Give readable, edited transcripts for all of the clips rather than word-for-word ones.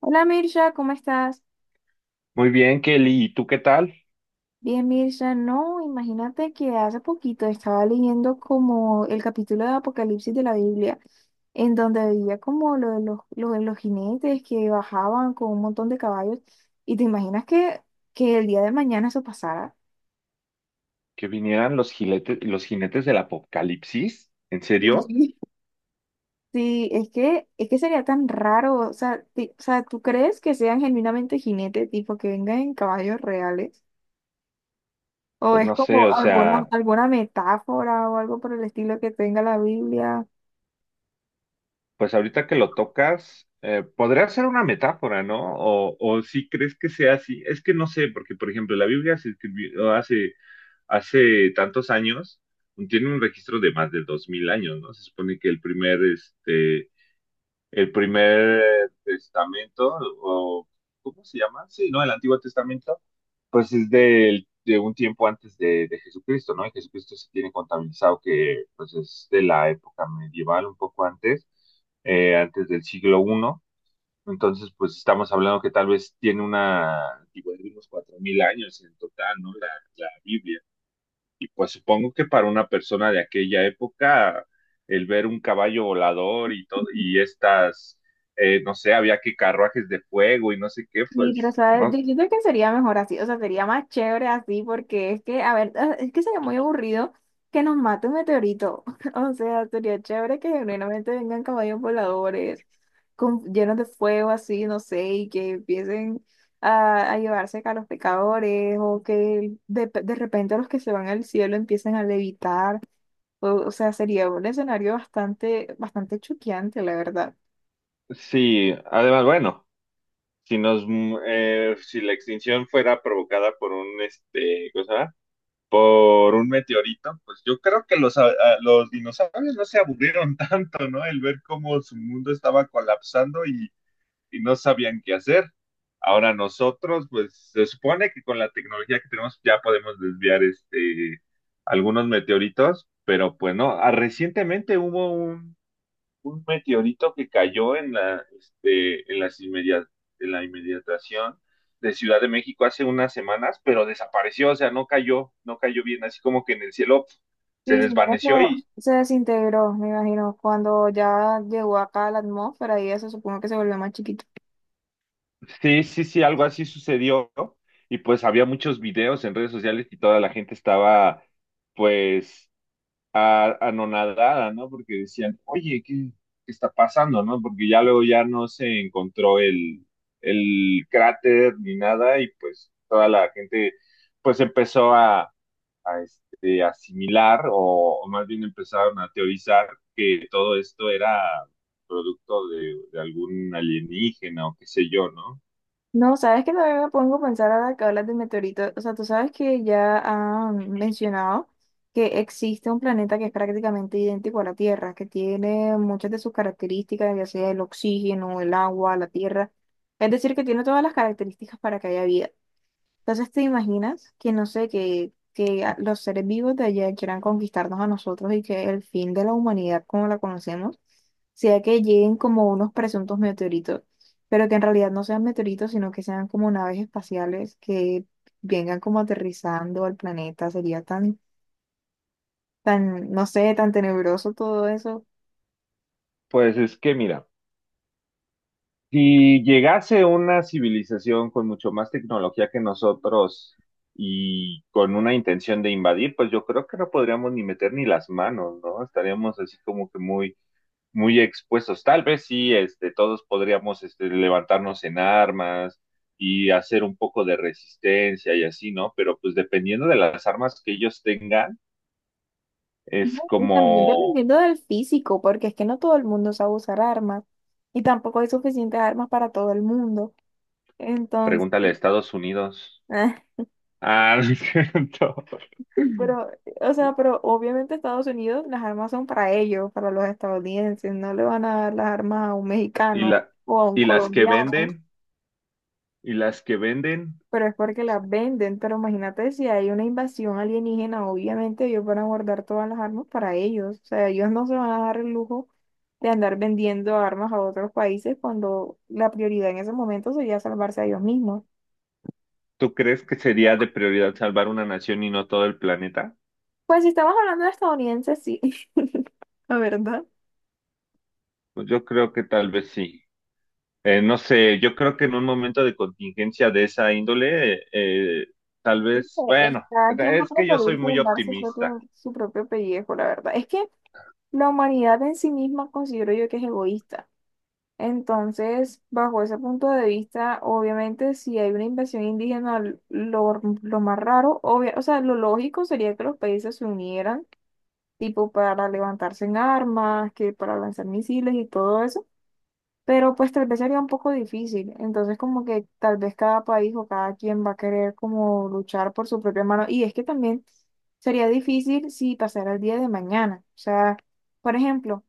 Hola Mirza, ¿cómo estás? Muy bien, Kelly. ¿Y tú qué tal? Bien, Mirza, no, imagínate que hace poquito estaba leyendo como el capítulo de Apocalipsis de la Biblia, en donde veía como lo de los jinetes que bajaban con un montón de caballos, y te imaginas que el día de mañana eso pasara. Que vinieran los jinetes del Apocalipsis. ¿En serio? Sí, Sí, es que sería tan raro, o sea, o sea, ¿tú crees que sean genuinamente jinetes, tipo que vengan en caballos reales? O Pues es no sé, como o sea, alguna metáfora o algo por el estilo que tenga la Biblia. pues ahorita que lo tocas, podría ser una metáfora, ¿no? O si crees que sea así. Es que no sé, porque por ejemplo, la Biblia se escribió hace tantos años, tiene un registro de más de 2.000 años, ¿no? Se supone que el primer testamento, o ¿cómo se llama? Sí, ¿no? El Antiguo Testamento pues es de un tiempo antes de Jesucristo, ¿no? Y Jesucristo se tiene contabilizado que pues es de la época medieval, un poco antes, antes del siglo I. Entonces, pues estamos hablando que tal vez tiene una antigüedad de unos 4.000 años en total, ¿no? La Biblia. Y pues supongo que para una persona de aquella época, el ver un caballo volador y todo, y estas, no sé, había que carruajes de fuego y no sé qué, Sí, pero pues, sabes, yo ¿no? siento que sería mejor así, o sea, sería más chévere así, porque es que, a ver, es que sería muy aburrido que nos mate un meteorito. O sea, sería chévere que genuinamente vengan caballos voladores con, llenos de fuego así, no sé, y que empiecen a llevarse a los pecadores, o que de repente los que se van al cielo empiecen a levitar. O sea, sería un escenario bastante choqueante, la verdad. Sí, además, bueno. Si nos si la extinción fuera provocada por un meteorito pues yo creo que los dinosaurios no se aburrieron tanto, no, el ver cómo su mundo estaba colapsando y no sabían qué hacer. Ahora nosotros pues se supone que con la tecnología que tenemos ya podemos desviar algunos meteoritos, pero pues no. Recientemente hubo un meteorito que cayó en la, este, en las inmedia- en la inmediatación de Ciudad de México hace unas semanas, pero desapareció, o sea, no cayó bien, así como que en el cielo, se Sí, señora, desvaneció no, y se desintegró, me imagino, cuando ya llegó acá a la atmósfera y eso supongo que se volvió más chiquito. sí, sí, sí, algo así sucedió, ¿no? Y pues había muchos videos en redes sociales y toda la gente estaba, pues, anonadada, ¿no? Porque decían, oye, ¿qué está pasando, no? Porque ya luego ya no se encontró el cráter ni nada, y pues toda la gente pues empezó asimilar, o más bien empezaron a teorizar que todo esto era producto de algún alienígena o qué sé yo, ¿no? No, sabes que también me pongo a pensar ahora que hablas de meteoritos. O sea, tú sabes que ya han mencionado que existe un planeta que es prácticamente idéntico a la Tierra, que tiene muchas de sus características, ya sea el oxígeno, el agua, la tierra. Es decir, que tiene todas las características para que haya vida. Entonces, ¿te imaginas que, no sé, que los seres vivos de allá quieran conquistarnos a nosotros y que el fin de la humanidad como la conocemos sea que lleguen como unos presuntos meteoritos, pero que en realidad no sean meteoritos, sino que sean como naves espaciales que vengan como aterrizando al planeta? Sería tan no sé, tan tenebroso todo eso. Pues es que mira. Si llegase una civilización con mucho más tecnología que nosotros y con una intención de invadir, pues yo creo que no podríamos ni meter ni las manos, ¿no? Estaríamos así como que muy, muy expuestos. Tal vez sí, todos podríamos levantarnos en armas y hacer un poco de resistencia y así, ¿no? Pero pues dependiendo de las armas que ellos tengan, es No, y también como, dependiendo del físico, porque es que no todo el mundo sabe usar armas y tampoco hay suficientes armas para todo el mundo. Entonces... pregúntale a Estados Unidos. Ah, no es cierto. Pero, o sea, pero obviamente Estados Unidos, las armas son para ellos, para los estadounidenses, no le van a dar las armas a un Y mexicano la, o a un y las que colombiano, venden, y las que venden, pero es porque las venden, pero imagínate si hay una invasión alienígena, obviamente ellos van a guardar todas las armas para ellos, o sea, ellos no se van a dar el lujo de andar vendiendo armas a otros países cuando la prioridad en ese momento sería salvarse a ellos mismos. ¿tú crees que sería de prioridad salvar una nación y no todo el planeta? Pues si estamos hablando de estadounidenses, sí, la verdad. Pues yo creo que tal vez sí. No sé, yo creo que en un momento de contingencia de esa índole, tal vez, bueno, Está quien va es a que yo soy preferir muy salvar optimista. Su propio pellejo, la verdad. Es que la humanidad en sí misma considero yo que es egoísta. Entonces, bajo ese punto de vista, obviamente, si hay una invasión indígena, lo más raro, o sea, lo lógico sería que los países se unieran, tipo para levantarse en armas, que para lanzar misiles y todo eso, pero pues tal vez sería un poco difícil. Entonces como que tal vez cada país o cada quien va a querer como luchar por su propia mano. Y es que también sería difícil si pasara el día de mañana. O sea, por ejemplo,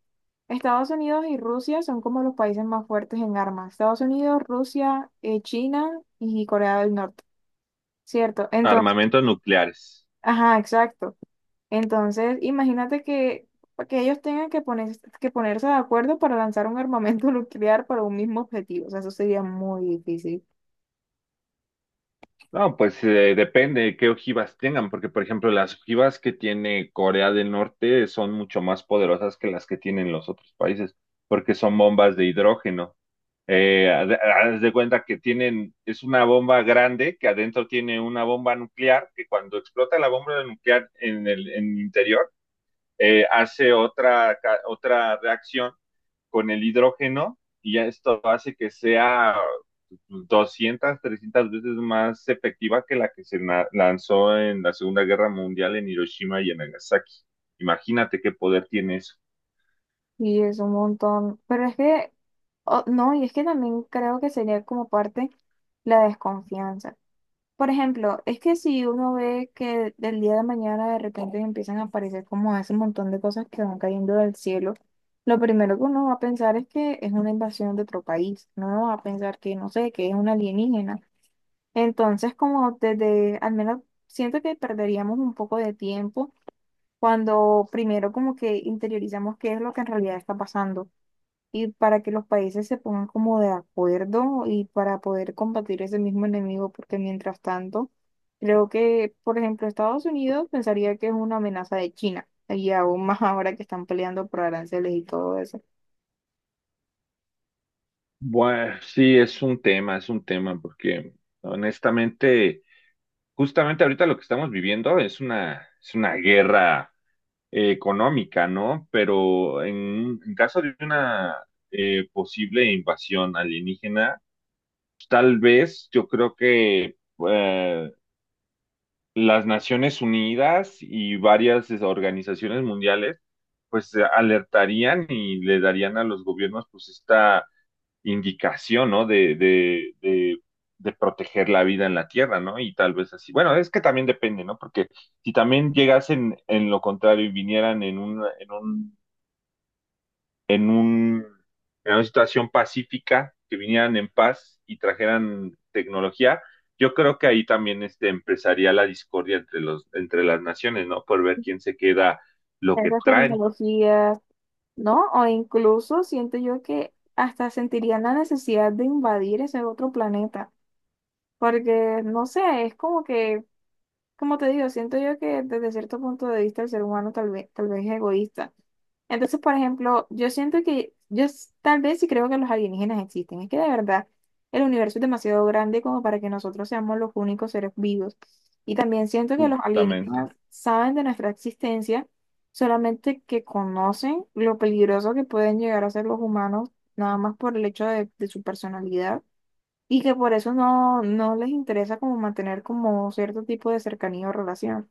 Estados Unidos y Rusia son como los países más fuertes en armas. Estados Unidos, Rusia, China y Corea del Norte, ¿cierto? Entonces, Armamentos nucleares. ajá, exacto. Entonces, imagínate que ellos tengan que ponerse de acuerdo para lanzar un armamento nuclear para un mismo objetivo. O sea, eso sería muy difícil. No, pues depende de qué ojivas tengan, porque por ejemplo las ojivas que tiene Corea del Norte son mucho más poderosas que las que tienen los otros países, porque son bombas de hidrógeno. Haz de cuenta que tienen, es una bomba grande que adentro tiene una bomba nuclear, que cuando explota la bomba nuclear en el interior, hace otra reacción con el hidrógeno, y ya esto hace que sea 200 300 veces más efectiva que la que se lanzó en la Segunda Guerra Mundial en Hiroshima y en Nagasaki. Imagínate qué poder tiene eso. Y es un montón. Pero es que, oh, no, y es que también creo que sería como parte la desconfianza. Por ejemplo, es que si uno ve que del día de mañana de repente empiezan a aparecer como ese montón de cosas que van cayendo del cielo, lo primero que uno va a pensar es que es una invasión de otro país. No va a pensar que, no sé, que es un alienígena. Entonces, como desde, al menos siento que perderíamos un poco de tiempo cuando primero como que interiorizamos qué es lo que en realidad está pasando y para que los países se pongan como de acuerdo y para poder combatir ese mismo enemigo, porque mientras tanto, creo que, por ejemplo, Estados Unidos pensaría que es una amenaza de China y aún más ahora que están peleando por aranceles y todo eso. Bueno, sí, es un tema, porque honestamente, justamente ahorita lo que estamos viviendo es una guerra económica, ¿no? Pero en caso de una, posible invasión alienígena, tal vez yo creo que eh, las Naciones Unidas y varias organizaciones mundiales pues alertarían y le darían a los gobiernos pues esta indicación, ¿no? De proteger la vida en la Tierra, ¿no? Y tal vez así. Bueno, es que también depende, ¿no? Porque si también llegasen en lo contrario y vinieran en un, en una situación pacífica, que vinieran en paz y trajeran tecnología, yo creo que ahí también empezaría la discordia entre las naciones, ¿no? Por ver quién se queda lo que Esas traen, tecnologías, ¿no? O incluso siento yo que hasta sentirían la necesidad de invadir ese otro planeta, porque no sé, es como que como te digo, siento yo que desde cierto punto de vista el ser humano tal vez es egoísta. Entonces, por ejemplo, yo siento que tal vez sí creo que los alienígenas existen. Es que de verdad el universo es demasiado grande como para que nosotros seamos los únicos seres vivos. Y también siento que los justamente. alienígenas saben de nuestra existencia, solamente que conocen lo peligroso que pueden llegar a ser los humanos, nada más por el hecho de su personalidad y que por eso no les interesa como mantener como cierto tipo de cercanía o relación,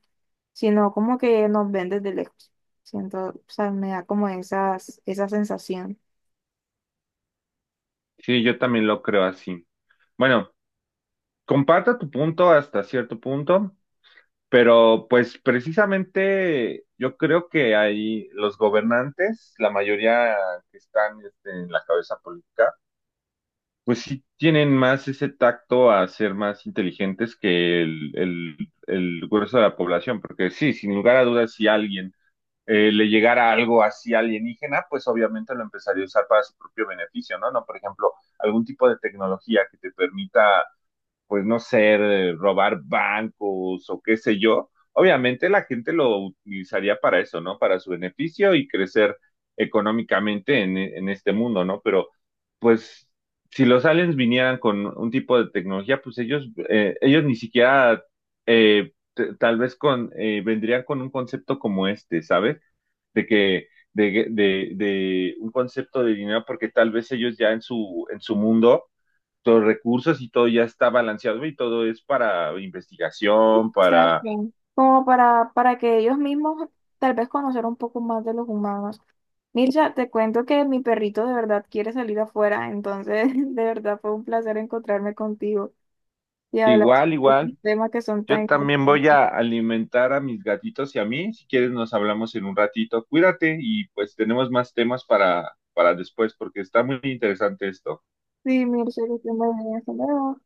sino como que nos ven desde lejos. Siento, o sea, me da como esa sensación. Sí, yo también lo creo así. Bueno, comparto tu punto hasta cierto punto, pero pues precisamente yo creo que ahí los gobernantes, la mayoría que están en la cabeza política, pues sí tienen más ese tacto a ser más inteligentes que el grueso de la población, porque sí, sin lugar a dudas, si alguien le llegara algo así alienígena, pues obviamente lo empezaría a usar para su propio beneficio, ¿no? No, por ejemplo, algún tipo de tecnología que te permita, pues no sé, robar bancos o qué sé yo, obviamente la gente lo utilizaría para eso, ¿no? Para su beneficio y crecer económicamente en este mundo, ¿no? Pero pues si los aliens vinieran con un tipo de tecnología, pues ellos ni siquiera, tal vez vendrían con un concepto como este, ¿sabes? De que un concepto de dinero, porque tal vez ellos ya en su mundo los recursos y todo ya está balanceado y todo es para investigación, ¿Sabes para qué? Para que ellos mismos tal vez conocer un poco más de los humanos. Mircha, te cuento que mi perrito de verdad quiere salir afuera, entonces de verdad fue un placer encontrarme contigo y hablar igual, sobre igual. estos temas que son tan Yo también voy interesantes. a alimentar a mis gatitos y a mí. Si quieres nos hablamos en un ratito. Cuídate, y pues tenemos más temas para después, porque está muy interesante esto. Sí, Mircha, que te muy bien. Hasta luego.